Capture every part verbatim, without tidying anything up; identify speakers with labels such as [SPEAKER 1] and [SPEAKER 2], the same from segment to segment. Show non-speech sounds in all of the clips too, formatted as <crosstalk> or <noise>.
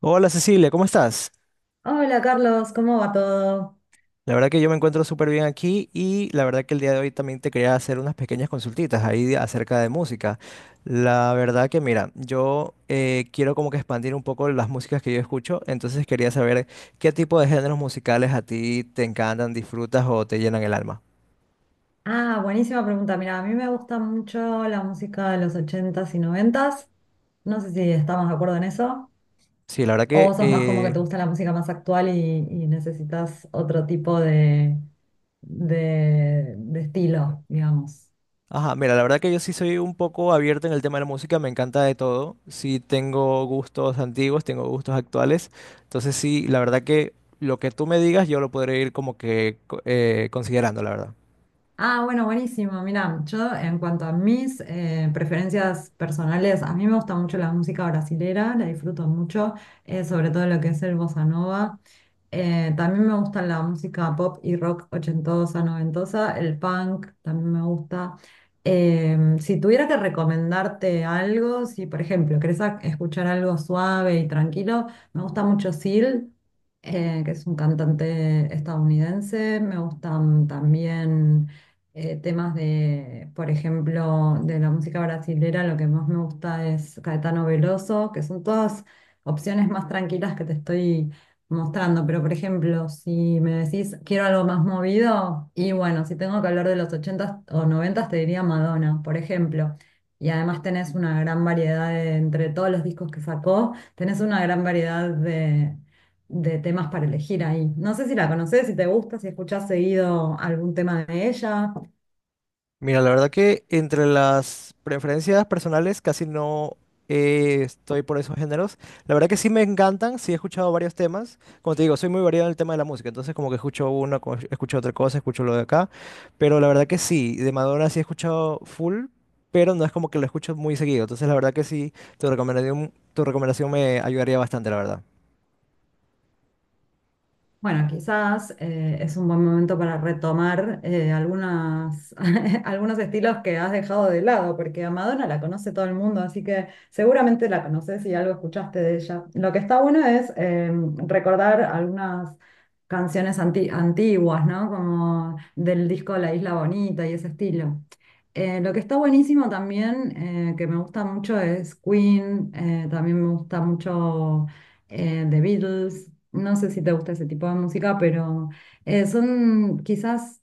[SPEAKER 1] Hola Cecilia, ¿cómo estás?
[SPEAKER 2] Hola Carlos, ¿cómo va todo?
[SPEAKER 1] La verdad que yo me encuentro súper bien aquí y la verdad que el día de hoy también te quería hacer unas pequeñas consultitas ahí de- acerca de música. La verdad que mira, yo eh, quiero como que expandir un poco las músicas que yo escucho, entonces quería saber qué tipo de géneros musicales a ti te encantan, disfrutas o te llenan el alma.
[SPEAKER 2] Ah, buenísima pregunta. Mira, a mí me gusta mucho la música de los ochentas y noventas. No sé si estamos de acuerdo en eso.
[SPEAKER 1] Sí, la verdad
[SPEAKER 2] ¿O
[SPEAKER 1] que
[SPEAKER 2] vos sos más como que
[SPEAKER 1] eh,
[SPEAKER 2] te gusta la música más actual y, y necesitas otro tipo de, de, de estilo, digamos?
[SPEAKER 1] ajá, mira, la verdad que yo sí soy un poco abierto en el tema de la música, me encanta de todo. Sí tengo gustos antiguos, tengo gustos actuales. Entonces sí, la verdad que lo que tú me digas yo lo podré ir como que co- eh, considerando, la verdad.
[SPEAKER 2] Ah, bueno, buenísimo. Mira, yo en cuanto a mis eh, preferencias personales, a mí me gusta mucho la música brasilera, la disfruto mucho, eh, sobre todo lo que es el bossa nova. Eh, también me gusta la música pop y rock ochentosa, noventosa, el punk también me gusta. Em, si tuviera que recomendarte algo, si por ejemplo querés a- escuchar algo suave y tranquilo, me gusta mucho Seal, eh, que es un cantante estadounidense. Me gustan también eh, temas de, por ejemplo, de la música brasilera, lo que más me gusta es Caetano Veloso, que son todas opciones más tranquilas que te estoy mostrando. Pero, por ejemplo, si me decís quiero algo más movido, y bueno, si tengo que hablar de los ochentas o noventas te diría Madonna, por ejemplo. Y además tenés una gran variedad de- entre todos los discos que sacó, tenés una gran variedad de, de temas para elegir ahí. No sé si la conoces, si te gusta, si escuchás seguido algún tema de ella.
[SPEAKER 1] Mira, la verdad que entre las preferencias personales casi no eh, estoy por esos géneros. La verdad que sí me encantan, sí he escuchado varios temas. Como te digo, soy muy variado en el tema de la música, entonces como que escucho uno, co- escucho otra cosa, escucho lo de acá. Pero la verdad que sí, de Madonna sí he escuchado full, pero no es como que lo escucho muy seguido. Entonces la verdad que sí, tu recomendación, tu recomendación me ayudaría bastante, la verdad.
[SPEAKER 2] Bueno, quizás eh, es un buen momento para retomar eh, algunas, <laughs> algunos estilos que has dejado de lado, porque a Madonna la conoce todo el mundo, así que seguramente la conoces y algo escuchaste de ella. Lo que está bueno es eh, recordar algunas canciones anti- antiguas, ¿no? Como del disco La Isla Bonita y ese estilo. Eh, lo que está buenísimo también, eh, que me gusta mucho, es Queen, eh, también me gusta mucho eh, The Beatles, no sé si te gusta ese tipo de música, pero eh, son quizás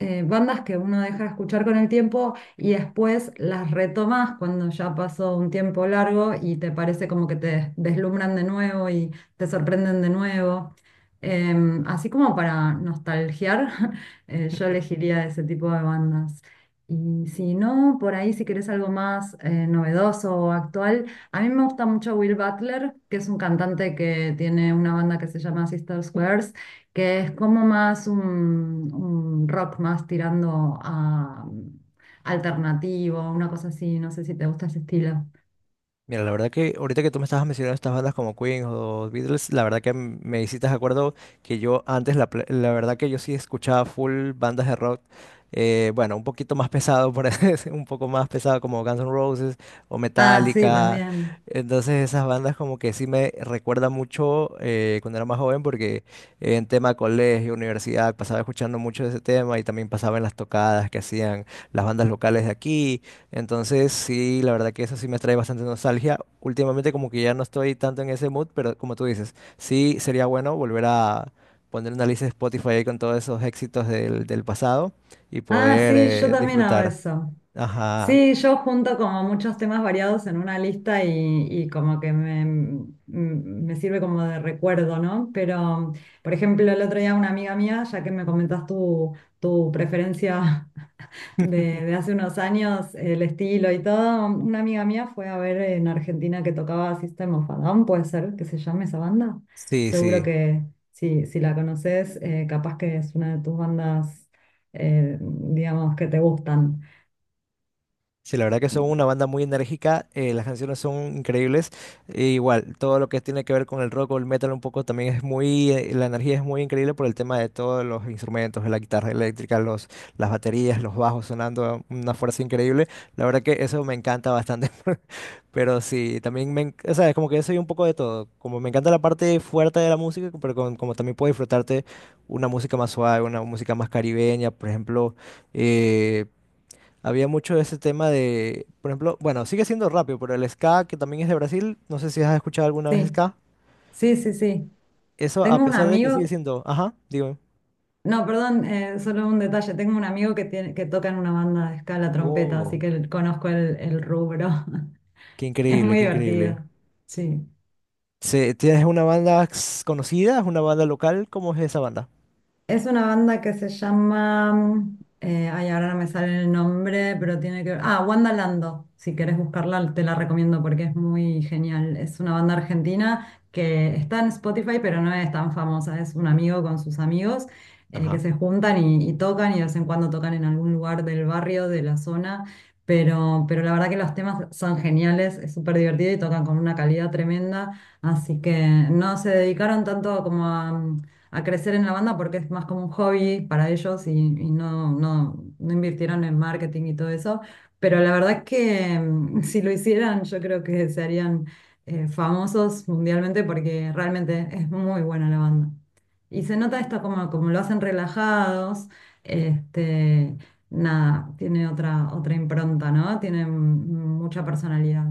[SPEAKER 2] eh, bandas que uno deja de escuchar con el tiempo y después las retomas cuando ya pasó un tiempo largo y te parece como que te des- deslumbran de nuevo y te sorprenden de nuevo. Em, así como para nostalgiar, <laughs> eh, yo elegiría ese tipo de bandas. Y si no, por ahí si querés algo más eh, novedoso o actual, a mí me gusta mucho Will Butler, que es un cantante que tiene una banda que se llama Sister Squares, que es como más un, un rock más tirando a mm, alternativo, una cosa así, no sé si te gusta ese estilo.
[SPEAKER 1] Mira, la verdad que ahorita que tú me estabas mencionando estas bandas como Queen o Beatles, la verdad que m- me hiciste de acuerdo que yo antes, la, pla- la verdad que yo sí escuchaba full bandas de rock, eh, bueno, un poquito más pesado, por <laughs> así decir, un poco más pesado como Guns N' Roses o
[SPEAKER 2] Ah, sí,
[SPEAKER 1] Metallica.
[SPEAKER 2] también.
[SPEAKER 1] Entonces esas bandas como que sí me recuerda mucho eh, cuando era más joven porque en tema colegio, universidad, pasaba escuchando mucho de ese tema y también pasaba en las tocadas que hacían las bandas locales de aquí. Entonces, sí, la verdad que eso sí me trae bastante nostalgia. Últimamente como que ya no estoy tanto en ese mood, pero como tú dices, sí sería bueno volver a poner una lista de Spotify ahí con todos esos éxitos del, del pasado y
[SPEAKER 2] Ah,
[SPEAKER 1] poder
[SPEAKER 2] sí, yo
[SPEAKER 1] eh,
[SPEAKER 2] también hago
[SPEAKER 1] disfrutar.
[SPEAKER 2] eso.
[SPEAKER 1] Ajá,
[SPEAKER 2] Sí, yo junto como muchos temas variados en una lista y, y como que me, mm, me sirve como de recuerdo, ¿no? Pero, por ejemplo, el otro día una amiga mía, ya que me comentas tu, tu preferencia de, de hace unos años, el estilo y todo. Una amiga mía fue a ver en Argentina que tocaba System of a Down, puede ser que se llame esa banda.
[SPEAKER 1] sí,
[SPEAKER 2] Seguro
[SPEAKER 1] sí.
[SPEAKER 2] que si, si la conoces, eh, capaz que es una de tus bandas, eh, digamos, que te gustan.
[SPEAKER 1] Sí, la verdad que son una banda muy enérgica, eh, las canciones son increíbles, e igual, todo lo que tiene que ver con el rock o el metal un poco también es muy, eh, la energía es muy increíble por el tema de todos los instrumentos, la guitarra eléctrica, los, las baterías, los bajos sonando a una fuerza increíble, la verdad que eso me encanta bastante, <laughs> pero sí, también me, en- o sea, es como que yo soy un poco de todo, como me encanta la parte fuerte de la música, pero con- como también puedo disfrutarte una música más suave, una música más caribeña, por ejemplo eh, había mucho de ese tema de, por ejemplo, bueno, sigue siendo rápido, pero el ska, que también es de Brasil, no sé si has escuchado alguna vez
[SPEAKER 2] Sí,
[SPEAKER 1] ska.
[SPEAKER 2] sí, sí, sí.
[SPEAKER 1] Eso, a
[SPEAKER 2] Tengo un
[SPEAKER 1] pesar de que sigue
[SPEAKER 2] amigo,
[SPEAKER 1] siendo, ajá, digo,
[SPEAKER 2] no, perdón, eh, solo un detalle, tengo un amigo que, tiene, que toca en una banda de escala trompeta, así
[SPEAKER 1] oh,
[SPEAKER 2] que el- conozco el, el rubro. <laughs>
[SPEAKER 1] qué
[SPEAKER 2] Es
[SPEAKER 1] increíble,
[SPEAKER 2] muy
[SPEAKER 1] qué
[SPEAKER 2] divertido,
[SPEAKER 1] increíble.
[SPEAKER 2] sí.
[SPEAKER 1] Se- ¿tienes una banda s- conocida, una banda local? ¿Cómo es esa banda?
[SPEAKER 2] Es una banda que se llama, eh, ay, ahora no me sale el nombre, pero tiene que ver, ah, Wandalando, si querés buscarla te la recomiendo porque es muy genial. Es una banda argentina que está en Spotify, pero no es tan famosa, es un amigo con sus amigos eh, que
[SPEAKER 1] Ajá.
[SPEAKER 2] se juntan y, y tocan y de vez en cuando tocan en algún lugar del barrio, de la zona, pero, pero la verdad que los temas son geniales, es súper divertido y tocan con una calidad tremenda. Así que no se dedicaron tanto como a, a crecer en la banda porque es más como un hobby para ellos y, y no, no, no invirtieron en marketing y todo eso. Pero la verdad es que mm, <laughs> si lo hicieran, yo creo que se harían eh, famosos mundialmente porque realmente es muy buena la banda. Y se nota esto como, como lo hacen relajados, este, nada, tiene otra, otra impronta, ¿no? Tiene mm, mucha personalidad.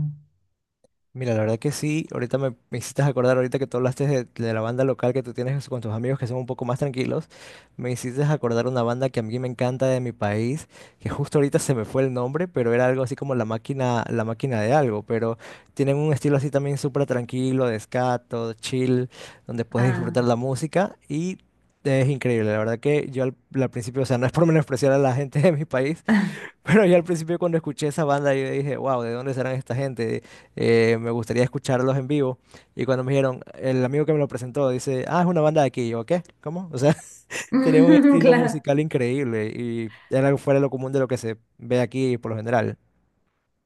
[SPEAKER 1] Mira, la verdad que sí, ahorita me, me hiciste acordar, ahorita que tú hablaste de, de la banda local que tú tienes con tus amigos que son un poco más tranquilos, me hiciste acordar una banda que a mí me encanta de mi país, que justo ahorita se me fue el nombre, pero era algo así como La Máquina, La Máquina de algo, pero tienen un estilo así también súper tranquilo, de ska, todo chill, donde puedes
[SPEAKER 2] Ah,
[SPEAKER 1] disfrutar la música y es increíble, la verdad que yo al, al principio, o sea, no es por menospreciar a la gente de mi país, pero yo al principio cuando escuché esa banda yo dije, wow, ¿de dónde serán esta gente? Eh, me gustaría escucharlos en vivo. Y cuando me dijeron, el amigo que me lo presentó dice, ah, es una banda de aquí. Y yo, ¿qué? ¿Cómo? O sea, <laughs> tienen un
[SPEAKER 2] <laughs>
[SPEAKER 1] estilo
[SPEAKER 2] claro.
[SPEAKER 1] musical increíble y era algo fuera de lo común de lo que se ve aquí por lo general.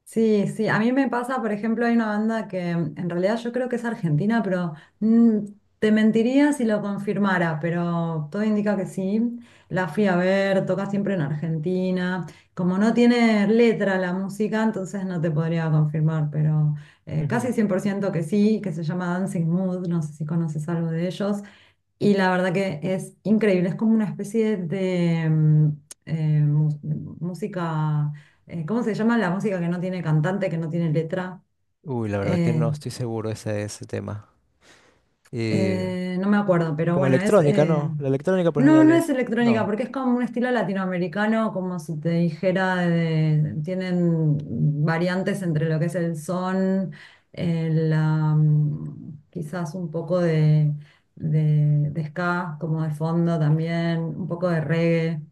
[SPEAKER 2] Sí, sí, a mí me pasa, por ejemplo, hay una banda que mm, en realidad yo creo que es argentina, pero mm, te mentiría si lo confirmara, pero todo indica que sí. La fui a ver, toca siempre en Argentina. Como no tiene letra la música, entonces no te podría confirmar, pero eh,
[SPEAKER 1] Ujú.
[SPEAKER 2] casi cien por ciento que sí, que se llama Dancing Mood, no sé si conoces algo de ellos. Y la verdad que es increíble, es como una especie de mm, eh, mu- música, eh, ¿cómo se llama? La música que no tiene cantante, que no tiene letra.
[SPEAKER 1] Uy, la verdad que
[SPEAKER 2] eh,
[SPEAKER 1] no estoy seguro ese de ese tema. Y
[SPEAKER 2] Eh, no me acuerdo, pero
[SPEAKER 1] como
[SPEAKER 2] bueno, es...
[SPEAKER 1] electrónica,
[SPEAKER 2] eh,
[SPEAKER 1] no. La electrónica por lo
[SPEAKER 2] No,
[SPEAKER 1] general
[SPEAKER 2] no es
[SPEAKER 1] es,
[SPEAKER 2] electrónica,
[SPEAKER 1] no.
[SPEAKER 2] porque es como un estilo latinoamericano, como si te dijera, de- tienen variantes entre lo que es el son, el, am, quizás un poco de, de, de ska, como de fondo también, un poco de reggae.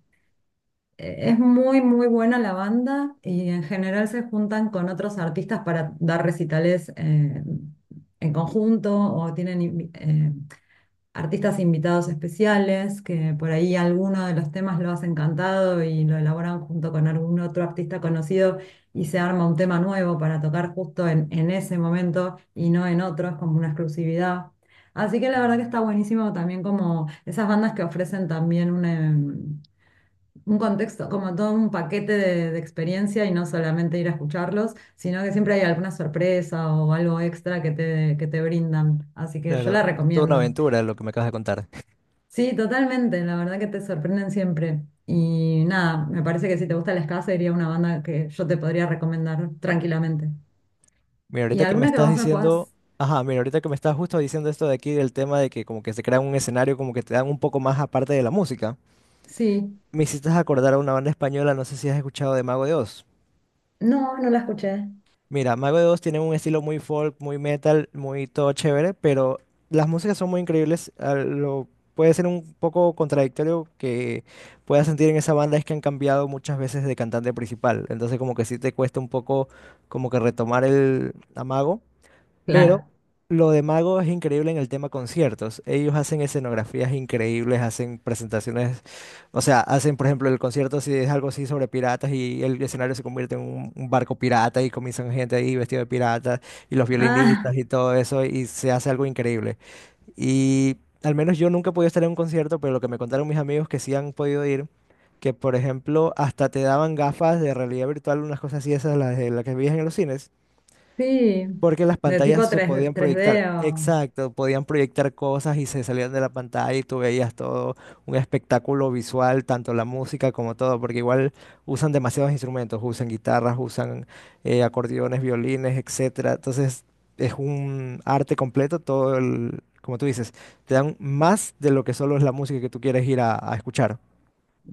[SPEAKER 2] Eh, Es muy, muy buena la banda y en general se juntan con otros artistas para dar recitales eh, en conjunto o tienen eh, artistas invitados especiales, que por ahí alguno de los temas lo hacen cantado y lo elaboran junto con algún otro artista conocido y se arma un tema nuevo para tocar justo en, en ese momento y no en otros, como una exclusividad. Así que la verdad que está buenísimo también como esas bandas que ofrecen también un, em, un contexto, como todo un paquete de, de experiencia y no solamente ir a escucharlos, sino que siempre hay alguna sorpresa o algo extra que te, que te brindan. Así que yo la
[SPEAKER 1] Claro, es toda una
[SPEAKER 2] recomiendo.
[SPEAKER 1] aventura lo que me acabas de contar.
[SPEAKER 2] Sí, totalmente, la verdad que te sorprenden siempre. Y nada, me parece que si te gusta el ska sería una banda que yo te podría recomendar tranquilamente.
[SPEAKER 1] Mira,
[SPEAKER 2] ¿Y
[SPEAKER 1] ahorita que me
[SPEAKER 2] alguna que
[SPEAKER 1] estás
[SPEAKER 2] vos me
[SPEAKER 1] diciendo,
[SPEAKER 2] puedas?
[SPEAKER 1] ajá, mira, ahorita que me estás justo diciendo esto de aquí del tema de que como que se crea un escenario como que te dan un poco más aparte de la música,
[SPEAKER 2] Sí.
[SPEAKER 1] me hiciste acordar a una banda española, no sé si has escuchado de Mago de Oz.
[SPEAKER 2] No, no la escuché.
[SPEAKER 1] Mira, Mago de Oz tiene un estilo muy folk, muy metal, muy todo chévere, pero las músicas son muy increíbles. A lo puede ser un poco contradictorio que puedas sentir en esa banda es que han cambiado muchas veces de cantante principal, entonces como que sí te cuesta un poco como que retomar el amago. Pero
[SPEAKER 2] Claro.
[SPEAKER 1] lo de Mago es increíble en el tema conciertos. Ellos hacen escenografías increíbles, hacen presentaciones, o sea, hacen, por ejemplo, el concierto si es algo así sobre piratas y el escenario se convierte en un, un barco pirata y comienzan gente ahí vestida de pirata y los
[SPEAKER 2] Ah,
[SPEAKER 1] violinistas y todo eso y se hace algo increíble. Y al menos yo nunca he podido estar en un concierto, pero lo que me contaron mis amigos que sí han podido ir, que por ejemplo hasta te daban gafas de realidad virtual, unas cosas así, esas las, de las que veías en los cines.
[SPEAKER 2] sí.
[SPEAKER 1] Porque las
[SPEAKER 2] ¿De
[SPEAKER 1] pantallas
[SPEAKER 2] tipo
[SPEAKER 1] se
[SPEAKER 2] tres,
[SPEAKER 1] podían
[SPEAKER 2] tres
[SPEAKER 1] proyectar,
[SPEAKER 2] d o...?
[SPEAKER 1] exacto, podían proyectar cosas y se salían de la pantalla y tú veías todo un espectáculo visual, tanto la música como todo, porque igual usan demasiados instrumentos, usan guitarras, usan eh, acordeones, violines, etcétera. Entonces es un arte completo, todo el, como tú dices, te dan más de lo que solo es la música que tú quieres ir a a escuchar.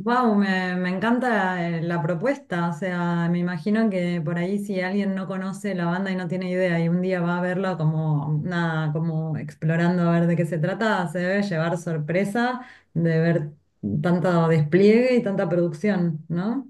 [SPEAKER 2] Wow, me, me encanta eh, la propuesta. O sea, me imagino que por ahí si alguien no conoce la banda y no tiene idea y un día va a verla como nada, como explorando a ver de qué se trata, se debe llevar sorpresa de ver tanto despliegue y tanta producción, ¿no?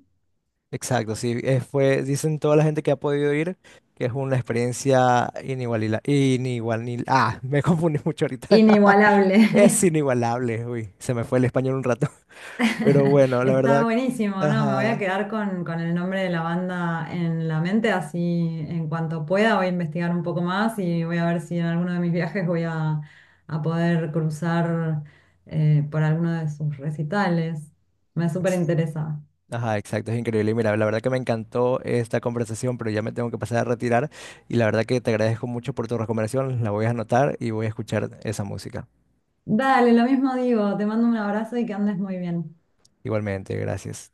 [SPEAKER 1] Exacto, sí, eh, fue, dicen toda la gente que ha podido ir que es una experiencia inigualable. Inigualil- ah, <laughs> me confundí mucho ahorita, <laughs>
[SPEAKER 2] Inigualable.
[SPEAKER 1] es
[SPEAKER 2] <laughs>
[SPEAKER 1] inigualable, uy, se me fue el español un rato, <laughs> pero bueno, la
[SPEAKER 2] Está
[SPEAKER 1] verdad,
[SPEAKER 2] buenísimo, ¿no? Me voy a
[SPEAKER 1] ajá,
[SPEAKER 2] quedar con, con el nombre de la banda en la mente, así en cuanto pueda voy a investigar un poco más y voy a ver si en alguno de mis viajes voy a, a poder cruzar eh, por alguno de sus recitales. Me súper
[SPEAKER 1] ex-
[SPEAKER 2] interesa.
[SPEAKER 1] ajá, exacto, es increíble, y mira, la verdad que me encantó esta conversación, pero ya me tengo que pasar a retirar, y la verdad que te agradezco mucho por tu recomendación, la voy a anotar y voy a escuchar esa música,
[SPEAKER 2] Dale, lo mismo digo, te mando un abrazo y que andes muy bien.
[SPEAKER 1] igualmente, gracias.